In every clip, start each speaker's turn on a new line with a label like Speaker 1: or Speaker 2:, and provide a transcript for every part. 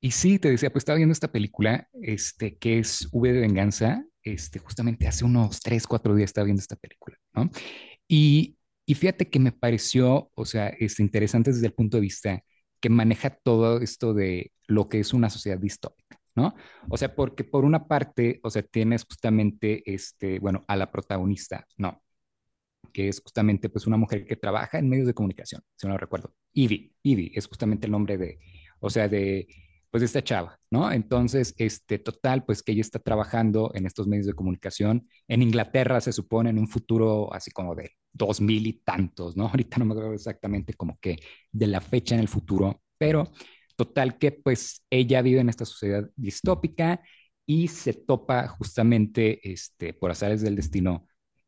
Speaker 1: Y sí, te decía, pues estaba viendo esta película, este, que es V de Venganza, este, justamente hace unos tres, cuatro días estaba viendo esta película, ¿no? Y, y fíjate que me pareció, o sea, este, interesante desde el punto de vista que maneja todo esto de lo que es una sociedad distópica, ¿no? O sea, porque por una parte, o sea, tienes justamente, este, bueno, a la protagonista, ¿no?, que es justamente pues una mujer que trabaja en medios de comunicación, si no lo recuerdo. Ivy es justamente el nombre de, o sea, de pues de esta chava, ¿no? Entonces, este total, pues que ella está trabajando en estos medios de comunicación en Inglaterra, se supone, en un futuro así como de dos mil y tantos, ¿no? Ahorita no me acuerdo exactamente como que de la fecha en el futuro, pero total que pues ella vive en esta sociedad distópica y se topa justamente, este, por azares del destino,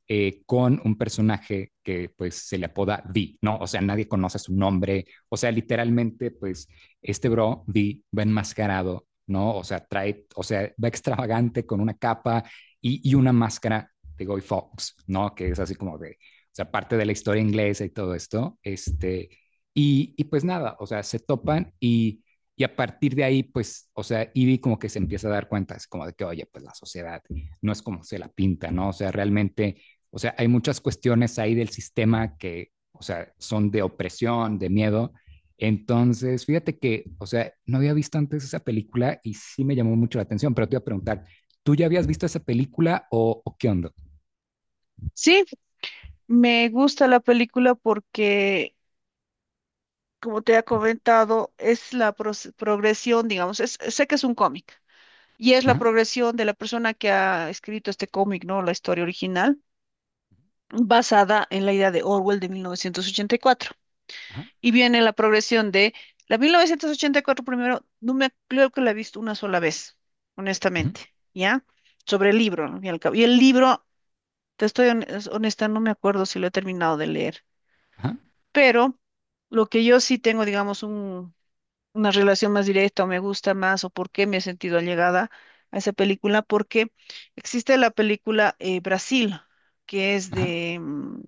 Speaker 1: con un personaje que pues se le apoda V, ¿no? O sea, nadie conoce su nombre, o sea, literalmente pues este bro V va enmascarado, ¿no? O sea, trae, o sea, va extravagante con una capa y una máscara de Guy Fox, ¿no? Que es así como de, o sea, parte de la historia inglesa y todo esto, este, y pues nada, o sea, se topan y... Y a partir de ahí, pues, o sea, Ivy como que se empieza a dar cuenta, es como de que, oye, pues la sociedad no es como se la pinta, ¿no? O sea, realmente o sea, hay muchas cuestiones ahí del sistema que, o sea, son de opresión, de miedo. Entonces, fíjate que, o sea, no había visto antes esa película y sí me llamó mucho la atención, pero te iba a preguntar, ¿tú ya habías visto esa película o qué onda?
Speaker 2: Sí, me gusta la película porque, como te he comentado, es la progresión, digamos, sé que es un cómic y es la
Speaker 1: Ajá,
Speaker 2: progresión de la persona que ha escrito este cómic, ¿no? La historia original, basada en la idea de Orwell de 1984. Y cuatro.
Speaker 1: ajá,
Speaker 2: Y viene la progresión de la 1984 primero, no me creo que la he visto una sola vez,
Speaker 1: ujú,
Speaker 2: honestamente, ¿ya? Sobre el libro, ¿no? Y el libro, te estoy honesta, no me acuerdo si lo he terminado de leer.
Speaker 1: ajá,
Speaker 2: Pero lo que yo sí tengo, digamos, una relación más directa o me gusta más o por qué me he sentido allegada a esa película, porque existe la película Brasil, que es
Speaker 1: ajá,
Speaker 2: de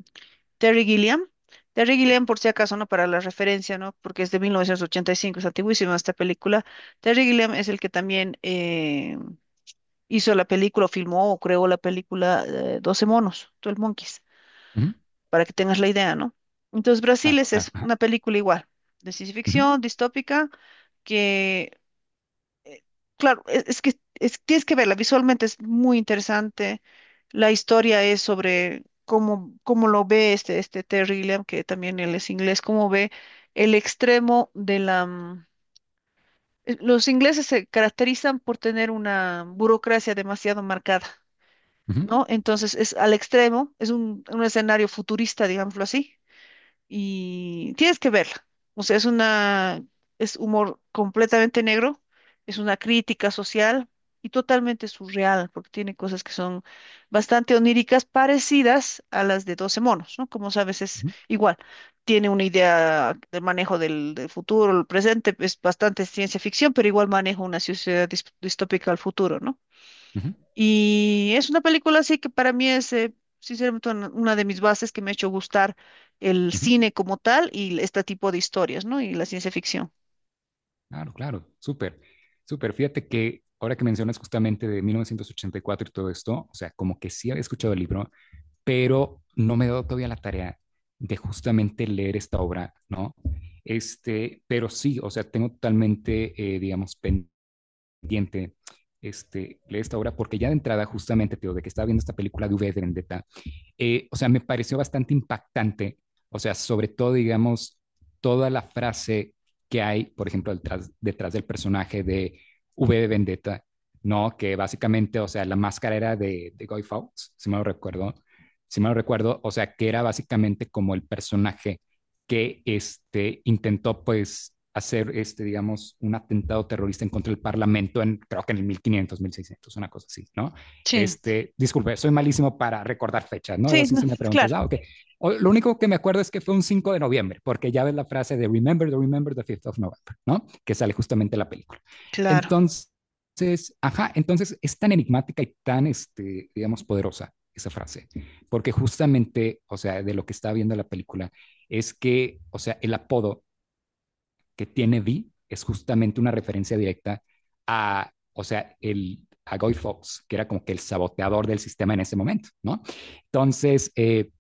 Speaker 2: Terry Gilliam. Terry
Speaker 1: ajá,
Speaker 2: Gilliam, por si acaso, ¿no? Para la referencia, ¿no? Porque es de 1985, es antiguísima esta película. Terry Gilliam es el que también hizo la película, o filmó o creó la película, 12 monos, 12 Monkeys,
Speaker 1: ujú,
Speaker 2: para que tengas la idea, ¿no? Entonces, Brasil
Speaker 1: claro,
Speaker 2: es eso,
Speaker 1: claro, ajá,
Speaker 2: una película igual, de ciencia
Speaker 1: ujú,
Speaker 2: ficción, distópica, que, eh, claro, es que tienes que verla, visualmente es muy interesante. La historia es sobre cómo lo ve este Terry Gilliam, que también él es inglés. Cómo ve el extremo de los ingleses se caracterizan por tener una burocracia demasiado marcada,
Speaker 1: ujú,
Speaker 2: ¿no? Entonces es al extremo, es un escenario futurista, digámoslo así, y tienes que verla. O sea, es una, es humor completamente negro, es una crítica social y totalmente surreal, porque tiene cosas que son bastante oníricas, parecidas a las de 12 monos, ¿no? Como sabes, es
Speaker 1: ujú,
Speaker 2: igual. Tiene una idea del manejo del futuro, el presente, es bastante ciencia ficción, pero igual maneja una sociedad distópica al futuro, ¿no?
Speaker 1: ujú,
Speaker 2: Y es una película así que para mí es, sinceramente, una de mis bases que me ha hecho gustar el
Speaker 1: ujú,
Speaker 2: cine como tal y este tipo de historias, ¿no? Y la ciencia ficción.
Speaker 1: claro, claro, súper, súper. Fíjate que ahora que mencionas justamente de 1984 y cuatro y todo esto, o sea, como que sí había escuchado el libro, pero no me he dado todavía la tarea de justamente leer esta obra, ¿no? Este, pero sí, o sea, tengo totalmente, digamos, pendiente este, leer esta obra, porque ya de entrada, justamente, te digo, de que estaba viendo esta película de V de Vendetta, o sea, me pareció bastante impactante, o sea, sobre todo, digamos, toda la frase que hay, por ejemplo, detrás del personaje de V de Vendetta, ¿no? Que básicamente, o sea, la máscara era de Guy Fawkes, si me lo recuerdo, si me lo recuerdo, o sea, que era básicamente como el personaje que este, intentó, pues, hacer, este, digamos, un atentado terrorista en contra del Parlamento en, creo que en el 1500, 1600, una cosa así, ¿no?
Speaker 2: Sí,
Speaker 1: Este, disculpe, soy malísimo para recordar fechas, ¿no? Es
Speaker 2: sí,
Speaker 1: así
Speaker 2: no,
Speaker 1: si me preguntas,
Speaker 2: claro,
Speaker 1: ah, ok. Lo único que me acuerdo es que fue un 5 de noviembre, porque ya ves la frase de remember the 5th of November, ¿no? Que sale justamente en la película.
Speaker 2: claro.
Speaker 1: Entonces, ajá, entonces es tan enigmática y tan, este, digamos, poderosa esa frase, porque justamente, o sea, de lo que está viendo la película, es que, o sea, el apodo que tiene Vi es justamente una referencia directa a, o sea, el, a Guy Fawkes, que era como que el saboteador del sistema en ese momento, ¿no? Entonces,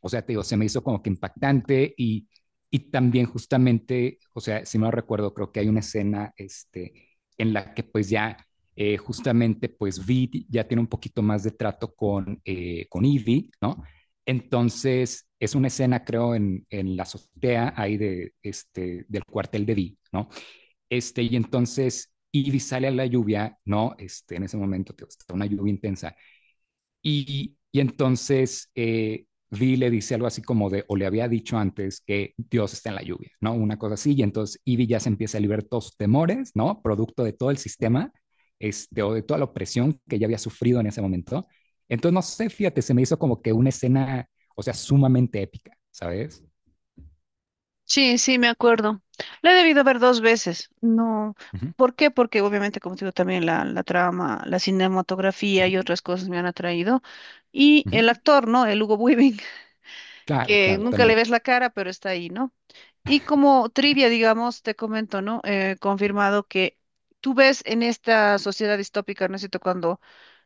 Speaker 1: o sea, te digo, se me hizo como que impactante y también justamente, o sea, si me lo recuerdo, creo que hay una escena este, en la que pues ya justamente pues Vid ya tiene un poquito más de trato con Ivy, ¿no? Entonces es una escena creo en la azotea ahí de, este, del cuartel de Vid, ¿no? Este, y entonces Ivy sale a la lluvia, ¿no? Este, en ese momento tío, está una lluvia intensa y entonces Vi le dice algo así como de, o le había dicho antes que Dios está en la lluvia, ¿no? Una cosa así. Y entonces Ivy ya se empieza a liberar todos sus temores, ¿no? Producto de todo el sistema, este, o de toda la opresión que ella había sufrido en ese momento. Entonces, no sé, fíjate, se me hizo como que una escena, o sea, sumamente épica, ¿sabes?
Speaker 2: Sí, sí, me acuerdo. La he debido ver dos veces. No,
Speaker 1: Uh -huh,
Speaker 2: ¿por qué? Porque obviamente, como te digo, también la trama, la
Speaker 1: uh
Speaker 2: cinematografía
Speaker 1: -huh,
Speaker 2: y otras cosas me han atraído. Y
Speaker 1: uh -huh.
Speaker 2: el actor, ¿no? El Hugo Weaving,
Speaker 1: Claro,
Speaker 2: que
Speaker 1: claro,
Speaker 2: nunca le
Speaker 1: totalmente.
Speaker 2: ves la cara, pero está ahí, ¿no? Y como trivia, digamos, te comento, ¿no? Confirmado que tú ves en esta sociedad distópica, ¿no es cierto?, cuando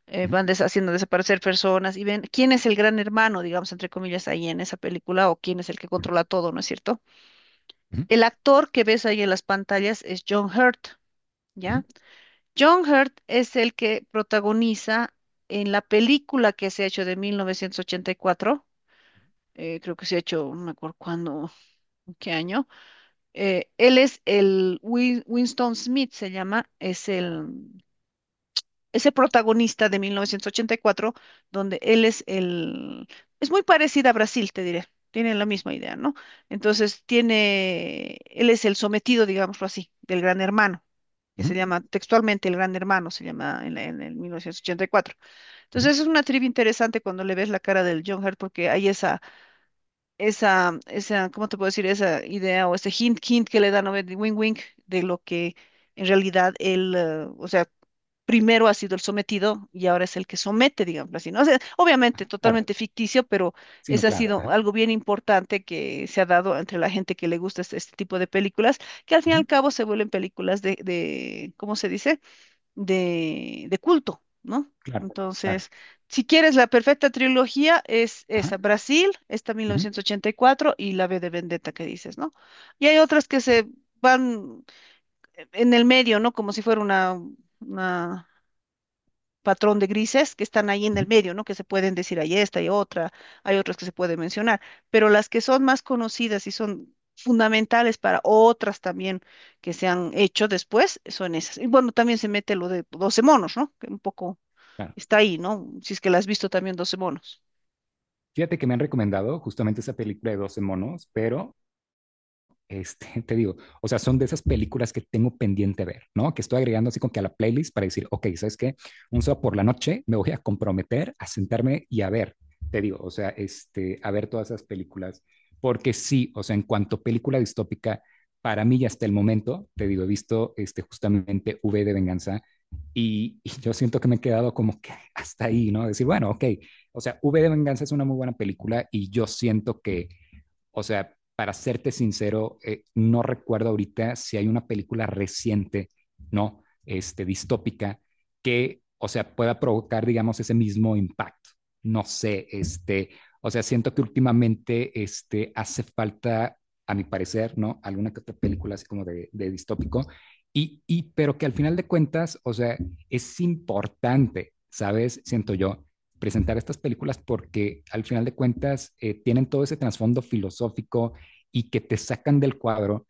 Speaker 1: Uh-huh,
Speaker 2: van haciendo desaparecer personas y ven quién es el gran hermano, digamos, entre comillas, ahí en esa película, o quién es el que controla todo, ¿no es cierto?
Speaker 1: uh-huh,
Speaker 2: El actor que ves ahí en las pantallas es John Hurt,
Speaker 1: uh-huh,
Speaker 2: ¿ya? John Hurt es el que protagoniza en la película que se ha hecho de 1984. Creo que se ha hecho, no me acuerdo cuándo, qué año. Él es el Winston Smith, se llama, es el ese protagonista de 1984, donde él es el, es muy parecida a Brasil, te diré. Tienen la misma idea, ¿no? Entonces tiene, él es el sometido, digámoslo así, del gran hermano, que se
Speaker 1: uh-huh,
Speaker 2: llama textualmente el gran hermano, se llama en, en el 1984.
Speaker 1: uh-huh.
Speaker 2: Entonces es una trivia interesante cuando le ves la cara del John Hurt, porque hay esa, esa, esa, ¿cómo te puedo decir? Esa idea o ese hint que le dan, ¿no? De wing de lo que en realidad él, o sea, primero ha sido el sometido y ahora es el que somete, digamos así, ¿no? O sea, obviamente
Speaker 1: Ajá, claro,
Speaker 2: totalmente ficticio, pero
Speaker 1: sí, no,
Speaker 2: ese ha
Speaker 1: claro.
Speaker 2: sido
Speaker 1: Ajá,
Speaker 2: algo bien importante que se ha dado entre la gente que le gusta este tipo de películas, que al fin y
Speaker 1: uh-huh,
Speaker 2: al cabo se vuelven películas de, ¿cómo se dice?, de culto, ¿no?
Speaker 1: claro, claro.
Speaker 2: Entonces, si quieres la perfecta trilogía, es esa:
Speaker 1: Ajá,
Speaker 2: Brasil, esta
Speaker 1: uh-huh,
Speaker 2: 1984 y cuatro y la B de Vendetta que dices, ¿no? Y hay otras que se van en el medio, ¿no? Como si fuera una patrón de grises que están ahí en el
Speaker 1: uh-huh,
Speaker 2: medio, ¿no? Que se pueden decir, hay esta, hay otra, hay otras que se pueden mencionar, pero las que son más conocidas y son fundamentales para otras también que se han hecho después, son esas. Y bueno, también se mete lo de 12 monos, ¿no? Que un poco
Speaker 1: claro.
Speaker 2: está ahí, ¿no? Si es que la has visto también, doce monos.
Speaker 1: Fíjate que me han recomendado justamente esa película de doce monos, pero este, te digo, o sea, son de esas películas que tengo pendiente ver, ¿no? Que estoy agregando así como que a la playlist para decir, ok, ¿sabes qué? Un sábado por la noche me voy a comprometer a sentarme y a ver, te digo, o sea, este, a ver todas esas películas, porque sí, o sea, en cuanto a película distópica, para mí ya hasta el momento, te digo, he visto este, justamente V de Venganza yo siento que me he quedado como que hasta ahí, ¿no? Decir, bueno, ok, o sea, V de Venganza es una muy buena película y yo siento que o sea, para serte sincero, no recuerdo ahorita si hay una película reciente, ¿no? Este, distópica, que, o sea, pueda provocar, digamos, ese mismo impacto. No sé, este, o sea, siento que últimamente, este, hace falta, a mi parecer, ¿no? Alguna que otra película así como de distópico, pero que al final de cuentas, o sea, es importante, ¿sabes? Siento yo, presentar estas películas porque al final de cuentas tienen todo ese trasfondo filosófico y que te sacan del cuadro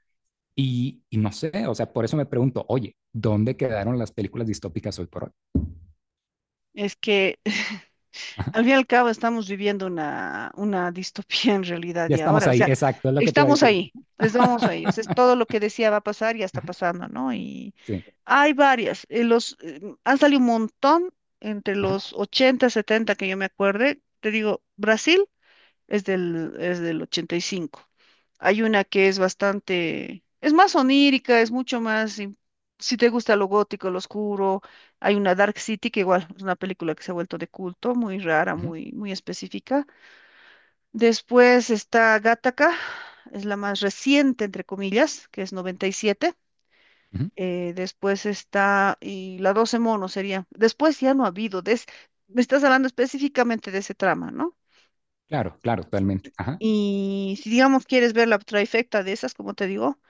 Speaker 1: no sé, o sea, por eso me pregunto, oye, ¿dónde quedaron las películas distópicas hoy por hoy?
Speaker 2: Es que
Speaker 1: Ajá.
Speaker 2: al fin y al cabo estamos viviendo una distopía en realidad
Speaker 1: Ya
Speaker 2: y
Speaker 1: estamos
Speaker 2: ahora, o
Speaker 1: ahí,
Speaker 2: sea,
Speaker 1: exacto, es lo que te iba a decir.
Speaker 2: estamos ahí, o sea, es todo lo que decía va a pasar, ya está pasando, ¿no? Y
Speaker 1: Sí,
Speaker 2: hay varias, han salido un montón entre
Speaker 1: ajá.
Speaker 2: los 80 70 que yo me acuerde, te digo, Brasil es es del ochenta y cinco. Hay una que es bastante, es más onírica, es mucho más, si te gusta lo gótico, lo oscuro, hay una, Dark City, que igual es una película que se ha vuelto de culto, muy rara,
Speaker 1: Ujú.
Speaker 2: muy, muy específica. Después está Gattaca, es la más reciente, entre comillas, que es 97.
Speaker 1: Ujú.
Speaker 2: Después está, y la 12 monos sería. Después ya no ha habido, me estás hablando específicamente de ese trama, ¿no?
Speaker 1: Claro, claro, totalmente. Ajá.
Speaker 2: Y si, digamos, quieres ver la trifecta de esas, como te digo,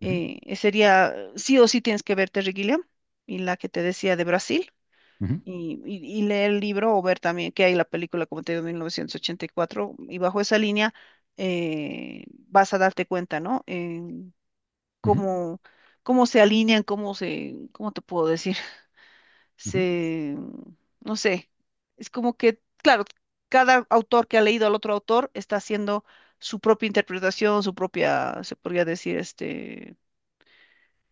Speaker 1: Ujú.
Speaker 2: eh, sería, sí o sí tienes que ver Terry Gilliam y la que te decía de Brasil,
Speaker 1: Ujú.
Speaker 2: y leer el libro o ver también que hay la película, como te digo, 1984, y cuatro, y bajo esa línea vas a darte cuenta, ¿no? En
Speaker 1: Ujú.
Speaker 2: cómo, cómo se alinean, cómo se, ¿cómo te puedo decir?,
Speaker 1: Ujú.
Speaker 2: se, no sé, es como que, claro, cada autor que ha leído al otro autor está haciendo su propia interpretación, su propia, se podría decir, este,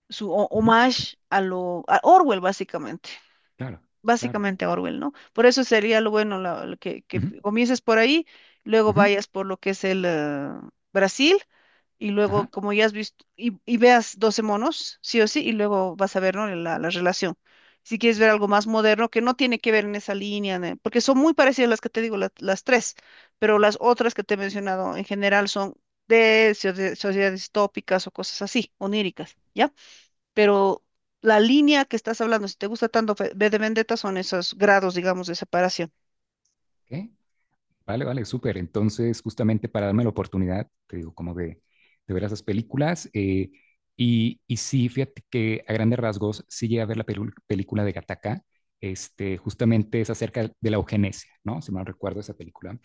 Speaker 2: su
Speaker 1: Ujú.
Speaker 2: homage a lo, a Orwell, básicamente
Speaker 1: Claro, claro.
Speaker 2: básicamente Orwell, ¿no? Por eso sería lo bueno, lo que
Speaker 1: Ujú.
Speaker 2: comiences por ahí, luego
Speaker 1: Ujú.
Speaker 2: vayas por lo que es el Brasil, y luego,
Speaker 1: Ajá.
Speaker 2: como ya has visto, y veas 12 monos, sí o sí, y luego vas a ver, ¿no?, la relación. Si quieres
Speaker 1: Ujú.
Speaker 2: ver algo más moderno, que no tiene que ver en esa línea, porque son muy parecidas las que te digo, las tres, pero
Speaker 1: Ajá.
Speaker 2: las otras que te he mencionado en general son de sociedades tópicas o cosas así, oníricas, ¿ya? Pero la línea que estás hablando, si te gusta tanto V de Vendetta, son esos grados, digamos, de separación.
Speaker 1: Ok. Vale, vale, súper. Entonces, justamente para darme la oportunidad, te digo, como de ver esas películas. Y sí, fíjate que a grandes rasgos sí llegué a ver la película de Gattaca. Este, justamente es acerca de la eugenesia, ¿no? Si mal recuerdo esa película.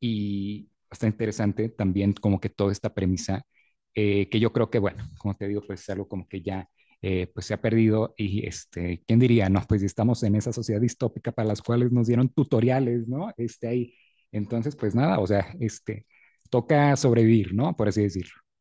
Speaker 1: Y está interesante también como que toda esta premisa, que yo creo que, bueno, como te digo, pues es algo como que ya pues se ha perdido y este, ¿quién diría? No, pues estamos en esa sociedad distópica para las cuales nos dieron tutoriales, ¿no? Este ahí. Entonces, pues nada, o sea, este, toca sobrevivir, ¿no? Por así decirlo.